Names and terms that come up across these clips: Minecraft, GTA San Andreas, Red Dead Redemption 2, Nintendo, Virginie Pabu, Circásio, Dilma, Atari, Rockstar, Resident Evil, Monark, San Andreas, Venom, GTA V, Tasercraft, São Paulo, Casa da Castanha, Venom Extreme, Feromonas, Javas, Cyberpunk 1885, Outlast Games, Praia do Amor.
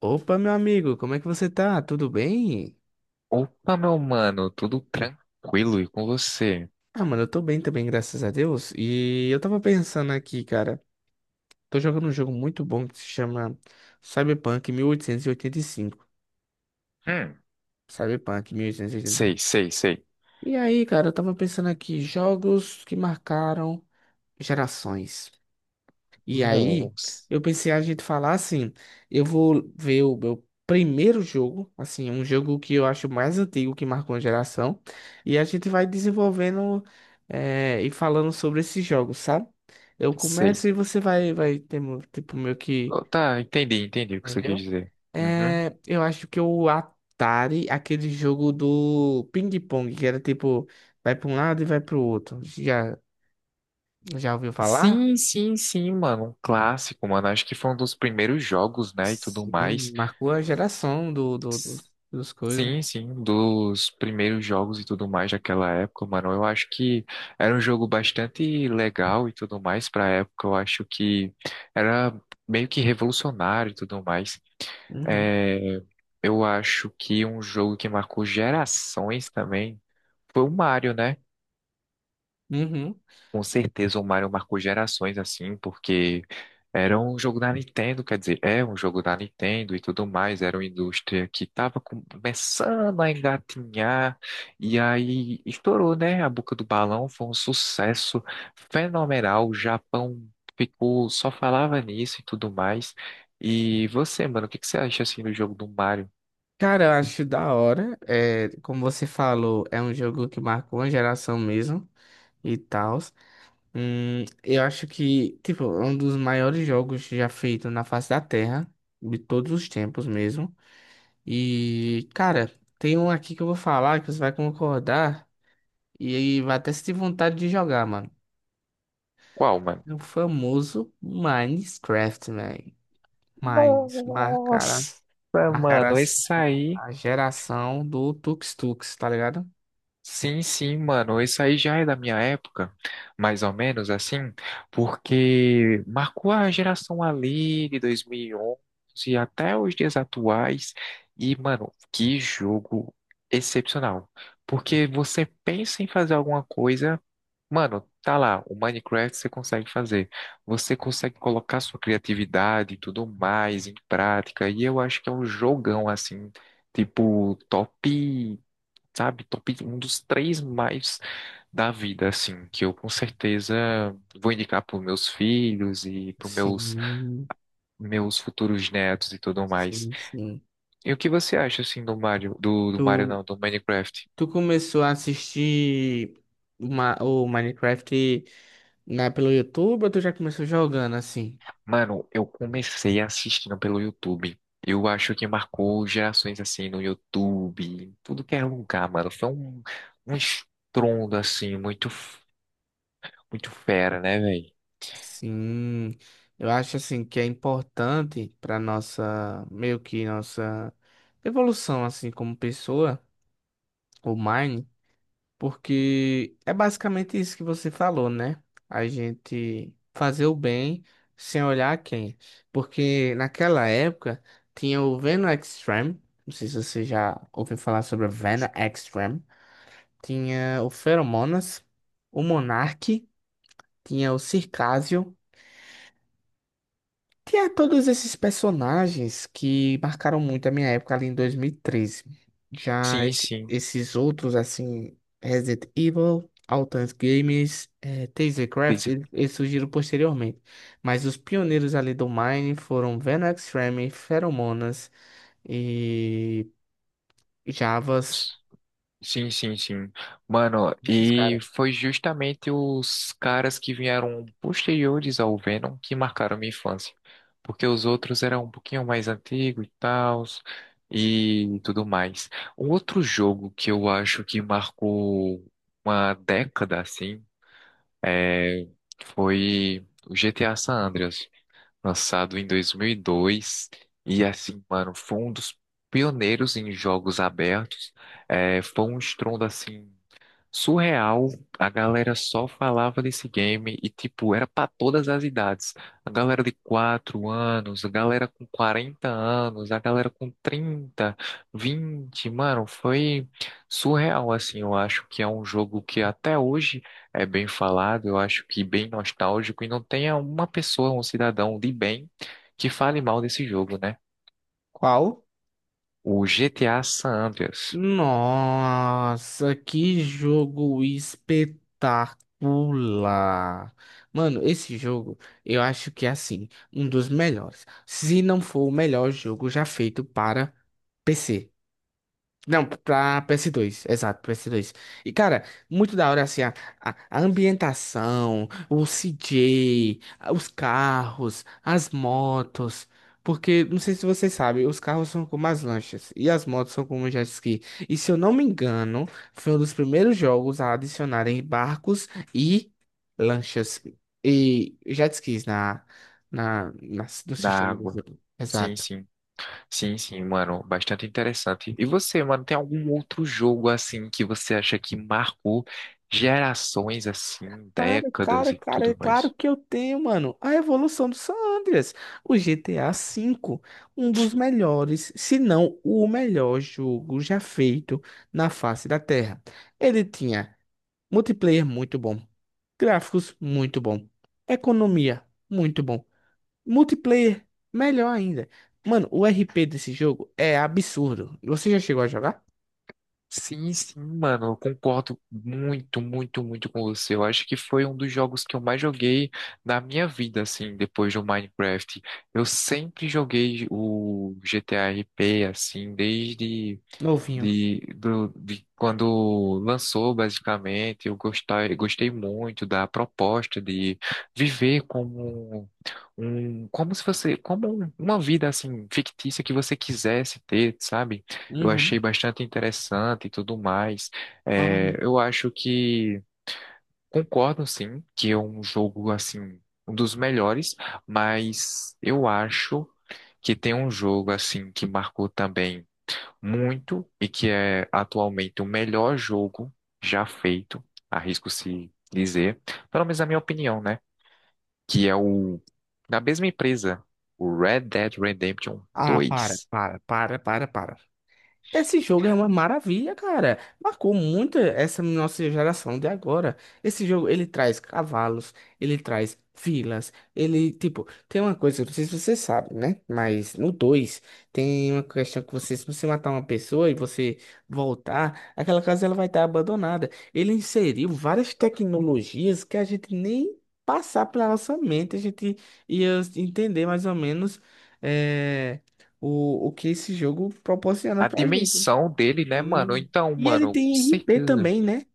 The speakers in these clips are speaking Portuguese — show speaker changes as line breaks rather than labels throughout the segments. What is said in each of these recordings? Opa, meu amigo, como é que você tá? Tudo bem?
Opa, meu mano, tudo tranquilo e com você?
Ah, mano, eu tô bem também, graças a Deus. E eu tava pensando aqui, cara, tô jogando um jogo muito bom que se chama Cyberpunk mil oitocentos e oitenta e cinco.
Hum,
Cyberpunk 1885. E oitenta e cinco.
sei, sei, sei.
E aí, cara, eu tava pensando aqui, jogos que marcaram gerações. E aí,
Nossa,
eu pensei a gente falar assim, eu vou ver o meu primeiro jogo, assim, um jogo que eu acho mais antigo, que marcou uma geração, e a gente vai desenvolvendo e falando sobre esses jogos, sabe? Eu
sei.
começo e você tipo, meio que,
Oh, tá, entendi, entendi o que você quis
entendeu?
dizer. Uhum.
Eu acho que o Atari, aquele jogo do ping-pong, que era tipo, vai para um lado e vai pro outro, já, já ouviu falar?
Sim, sim, sim, mano, um clássico, mano. Acho que foi um dos primeiros jogos, né, e tudo
Sim,
mais.
marcou a geração dos coisas.
Sim, sim, dos primeiros jogos e tudo mais daquela época, mano. Eu acho que era um jogo bastante legal e tudo mais pra época. Eu acho que era meio que revolucionário e tudo mais.
Uhum.
É, eu acho que um jogo que marcou gerações também foi o Mario, né?
Uhum.
Com certeza o Mario marcou gerações assim, porque era um jogo da Nintendo, quer dizer, é um jogo da Nintendo e tudo mais, era uma indústria que estava começando a engatinhar, e aí estourou, né? A boca do balão foi um sucesso fenomenal, o Japão ficou, só falava nisso e tudo mais. E você, mano, o que que você acha assim do jogo do Mario?
Cara, eu acho da hora. É, como você falou, é um jogo que marcou a geração mesmo e tal. Eu acho que, tipo, é um dos maiores jogos já feito na face da Terra, de todos os tempos mesmo. E, cara, tem um aqui que eu vou falar que você vai concordar e aí vai até se ter vontade de jogar, mano.
Qual, mano?
É o famoso Minecraft, man. Mas marcará,
Nossa,
marcará
mano,
assim,
esse aí.
a geração do Tux Tux, tá ligado?
Sim, sim, mano. Isso aí já é da minha época, mais ou menos assim, porque marcou a geração ali de 2011 até os dias atuais. E, mano, que jogo excepcional. Porque você pensa em fazer alguma coisa, mano, tá lá, o Minecraft você consegue fazer. Você consegue colocar sua criatividade e tudo mais em prática. E eu acho que é um jogão assim, tipo, top, sabe? Top um dos três mais da vida, assim, que eu com certeza vou indicar para meus filhos e para meus
Sim,
meus futuros netos e tudo mais.
sim, sim.
E o que você acha, assim, do Mario, do Mario
Tu,
não, do Minecraft?
tu começou a assistir uma, o Minecraft, né, pelo YouTube ou tu já começou jogando assim?
Mano, eu comecei assistindo pelo YouTube. Eu acho que marcou gerações assim no YouTube, em tudo que era lugar, mano. Foi um estrondo assim, muito, muito fera, né, velho?
Sim, eu acho assim que é importante para nossa, meio que nossa evolução assim como pessoa, o Mine. Porque é basicamente isso que você falou, né? A gente fazer o bem sem olhar a quem. Porque naquela época tinha o Venom Extreme. Não sei se você já ouviu falar sobre o Venom Extreme. Tinha o Feromonas, o Monark, tinha o Circásio. Tinha todos esses personagens que marcaram muito a minha época ali em 2013. Já
Sim, sim.
esses outros, assim, Resident Evil, Outlast Games, Tasercraft,
Tem-
eles surgiram posteriormente. Mas os pioneiros ali do Mine foram Venom Extreme, Feromonas e Javas.
Sim, sim, sim. Mano,
Esses
e
caras.
foi justamente os caras que vieram posteriores ao Venom que marcaram minha infância. Porque os outros eram um pouquinho mais antigos e tal, e tudo mais. Um outro jogo que eu acho que marcou uma década, assim, é, foi o GTA San Andreas lançado em 2002. E dois. E assim, mano, foi um dos pioneiros em jogos abertos. É, foi um estrondo assim, surreal, a galera só falava desse game e, tipo, era pra todas as idades. A galera de 4 anos, a galera com 40 anos, a galera com 30, 20, mano, foi surreal, assim. Eu acho que é um jogo que até hoje é bem falado, eu acho que bem nostálgico e não tem uma pessoa, um cidadão de bem que fale mal desse jogo, né?
Qual?
O GTA San Andreas,
Nossa, que jogo espetacular. Mano, esse jogo eu acho que é assim, um dos melhores, se não for o melhor jogo já feito para PC. Não, pra PS2, exato, PS2. E, cara, muito da hora, assim, a ambientação, o CJ, os carros, as motos. Porque, não sei se você sabe, os carros são como as lanchas e as motos são como jet ski. E, se eu não me engano, foi um dos primeiros jogos a adicionarem barcos e lanchas e jet skis no
da
sistema do
água.
jogo.
Sim,
Exato.
sim. Sim, sim, mano, bastante interessante. E você, mano, tem algum outro jogo assim que você acha que marcou gerações assim,
Cara,
décadas
cara,
e
cara, é
tudo
claro
mais?
que eu tenho, mano. A evolução do San Andreas, o GTA V, um dos melhores, se não o melhor jogo já feito na face da Terra. Ele tinha multiplayer muito bom, gráficos muito bom, economia muito bom, multiplayer melhor ainda. Mano, o RP desse jogo é absurdo. Você já chegou a jogar?
Sim, sim, mano, eu concordo muito, muito, muito com você. Eu acho que foi um dos jogos que eu mais joguei na minha vida, assim, depois do Minecraft. Eu sempre joguei o GTA P assim, desde
Novinho.
de quando lançou, basicamente, eu gostei, gostei muito da proposta de viver como um, como se você, como uma vida assim fictícia que você quisesse ter, sabe? Eu
Uhum.
achei bastante interessante e tudo mais. É,
Aham.
eu acho que concordo sim que é um jogo assim um dos melhores, mas eu acho que tem um jogo assim que marcou também muito e que é atualmente o melhor jogo já feito, arrisco se dizer, pelo menos na minha opinião, né? Que é o da mesma empresa, o Red Dead Redemption
Ah, para,
dois.
para, para, para, para. Esse jogo é uma maravilha, cara. Marcou muito essa nossa geração de agora. Esse jogo, ele traz cavalos, ele traz vilas, ele, tipo, tem uma coisa, eu não sei se você sabe, né? Mas no 2 tem uma questão que você, se você matar uma pessoa e você voltar, aquela casa ela vai estar abandonada. Ele inseriu várias tecnologias que a gente nem passar pela nossa mente, a gente ia entender mais ou menos. eh, o que esse jogo proporciona
A
pra gente.
dimensão dele, né, mano?
E,
Então,
e ele
mano, com
tem RP
certeza.
também, né?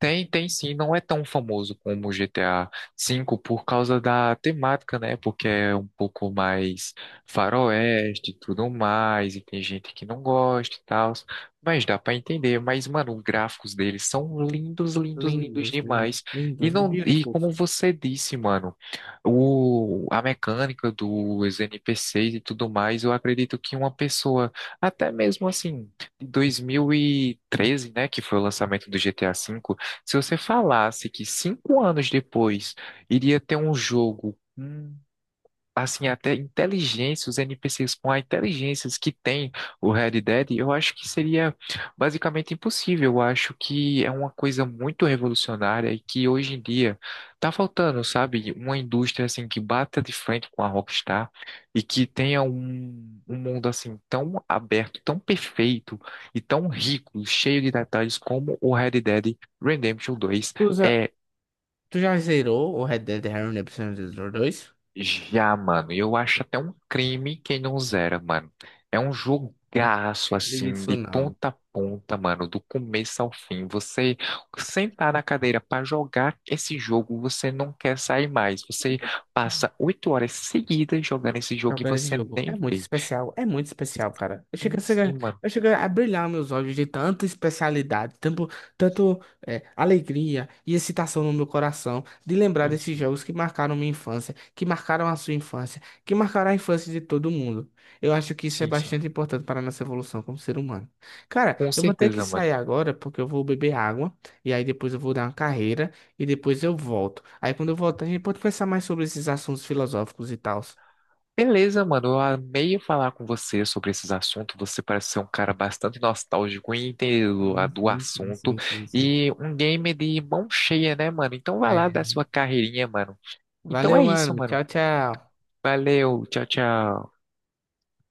Tem, tem sim, não é tão famoso como o GTA V por causa da temática, né? Porque é um pouco mais faroeste e tudo mais, e tem gente que não gosta e tal, mas dá pra entender. Mas, mano, os gráficos deles são lindos, lindos, lindos
Lindos,
demais. E
lindos,
não, e
beautiful.
como você disse, mano, a mecânica dos NPCs e tudo mais, eu acredito que uma pessoa, até mesmo assim, de 2013, né, que foi o lançamento do GTA V. Se você falasse que 5 anos depois iria ter um jogo assim, até inteligência, os NPCs com a inteligência que tem o Red Dead, eu acho que seria basicamente impossível. Eu acho que é uma coisa muito revolucionária e que hoje em dia tá faltando, sabe? Uma indústria assim que bata de frente com a Rockstar e que tenha um mundo assim tão aberto, tão perfeito e tão rico, cheio de detalhes como o Red Dead Redemption 2.
Tu já, tu já zerou o Red Dead Redemption dois.
Já, mano. E eu acho até um crime quem não zera, mano. É um jogaço,
Liga
assim,
isso
de
não.
ponta a ponta, mano, do começo ao fim. Você sentar na cadeira pra jogar esse jogo, você não quer sair mais. Você passa 8 horas seguidas jogando esse jogo e
Jogando esse
você
jogo.
nem vê.
É muito especial, cara. Eu chego,
Sim, sim, mano.
eu chego a brilhar meus olhos de tanta especialidade, tanto, tanto é, alegria e excitação no meu coração de lembrar
Sim,
desses
sim.
jogos que marcaram minha infância, que marcaram a sua infância, que marcaram a infância de todo mundo. Eu acho que isso é
Sim, sim.
bastante importante para a nossa evolução como ser humano. Cara,
Com
eu vou ter que
certeza, mano.
sair agora porque eu vou beber água e aí depois eu vou dar uma carreira e depois eu volto. Aí quando eu voltar, a gente pode pensar mais sobre esses assuntos filosóficos e tal.
Beleza, mano. Eu amei falar com você sobre esses assuntos. Você parece ser um cara bastante nostálgico e inteiro
Sim,
do
sim, sim,
assunto.
sim, sim, sim.
E um gamer de mão cheia, né, mano? Então vai lá dar
É.
sua carreirinha, mano. Então
Valeu,
é isso,
mano.
mano.
Tchau, tchau.
Valeu, tchau, tchau.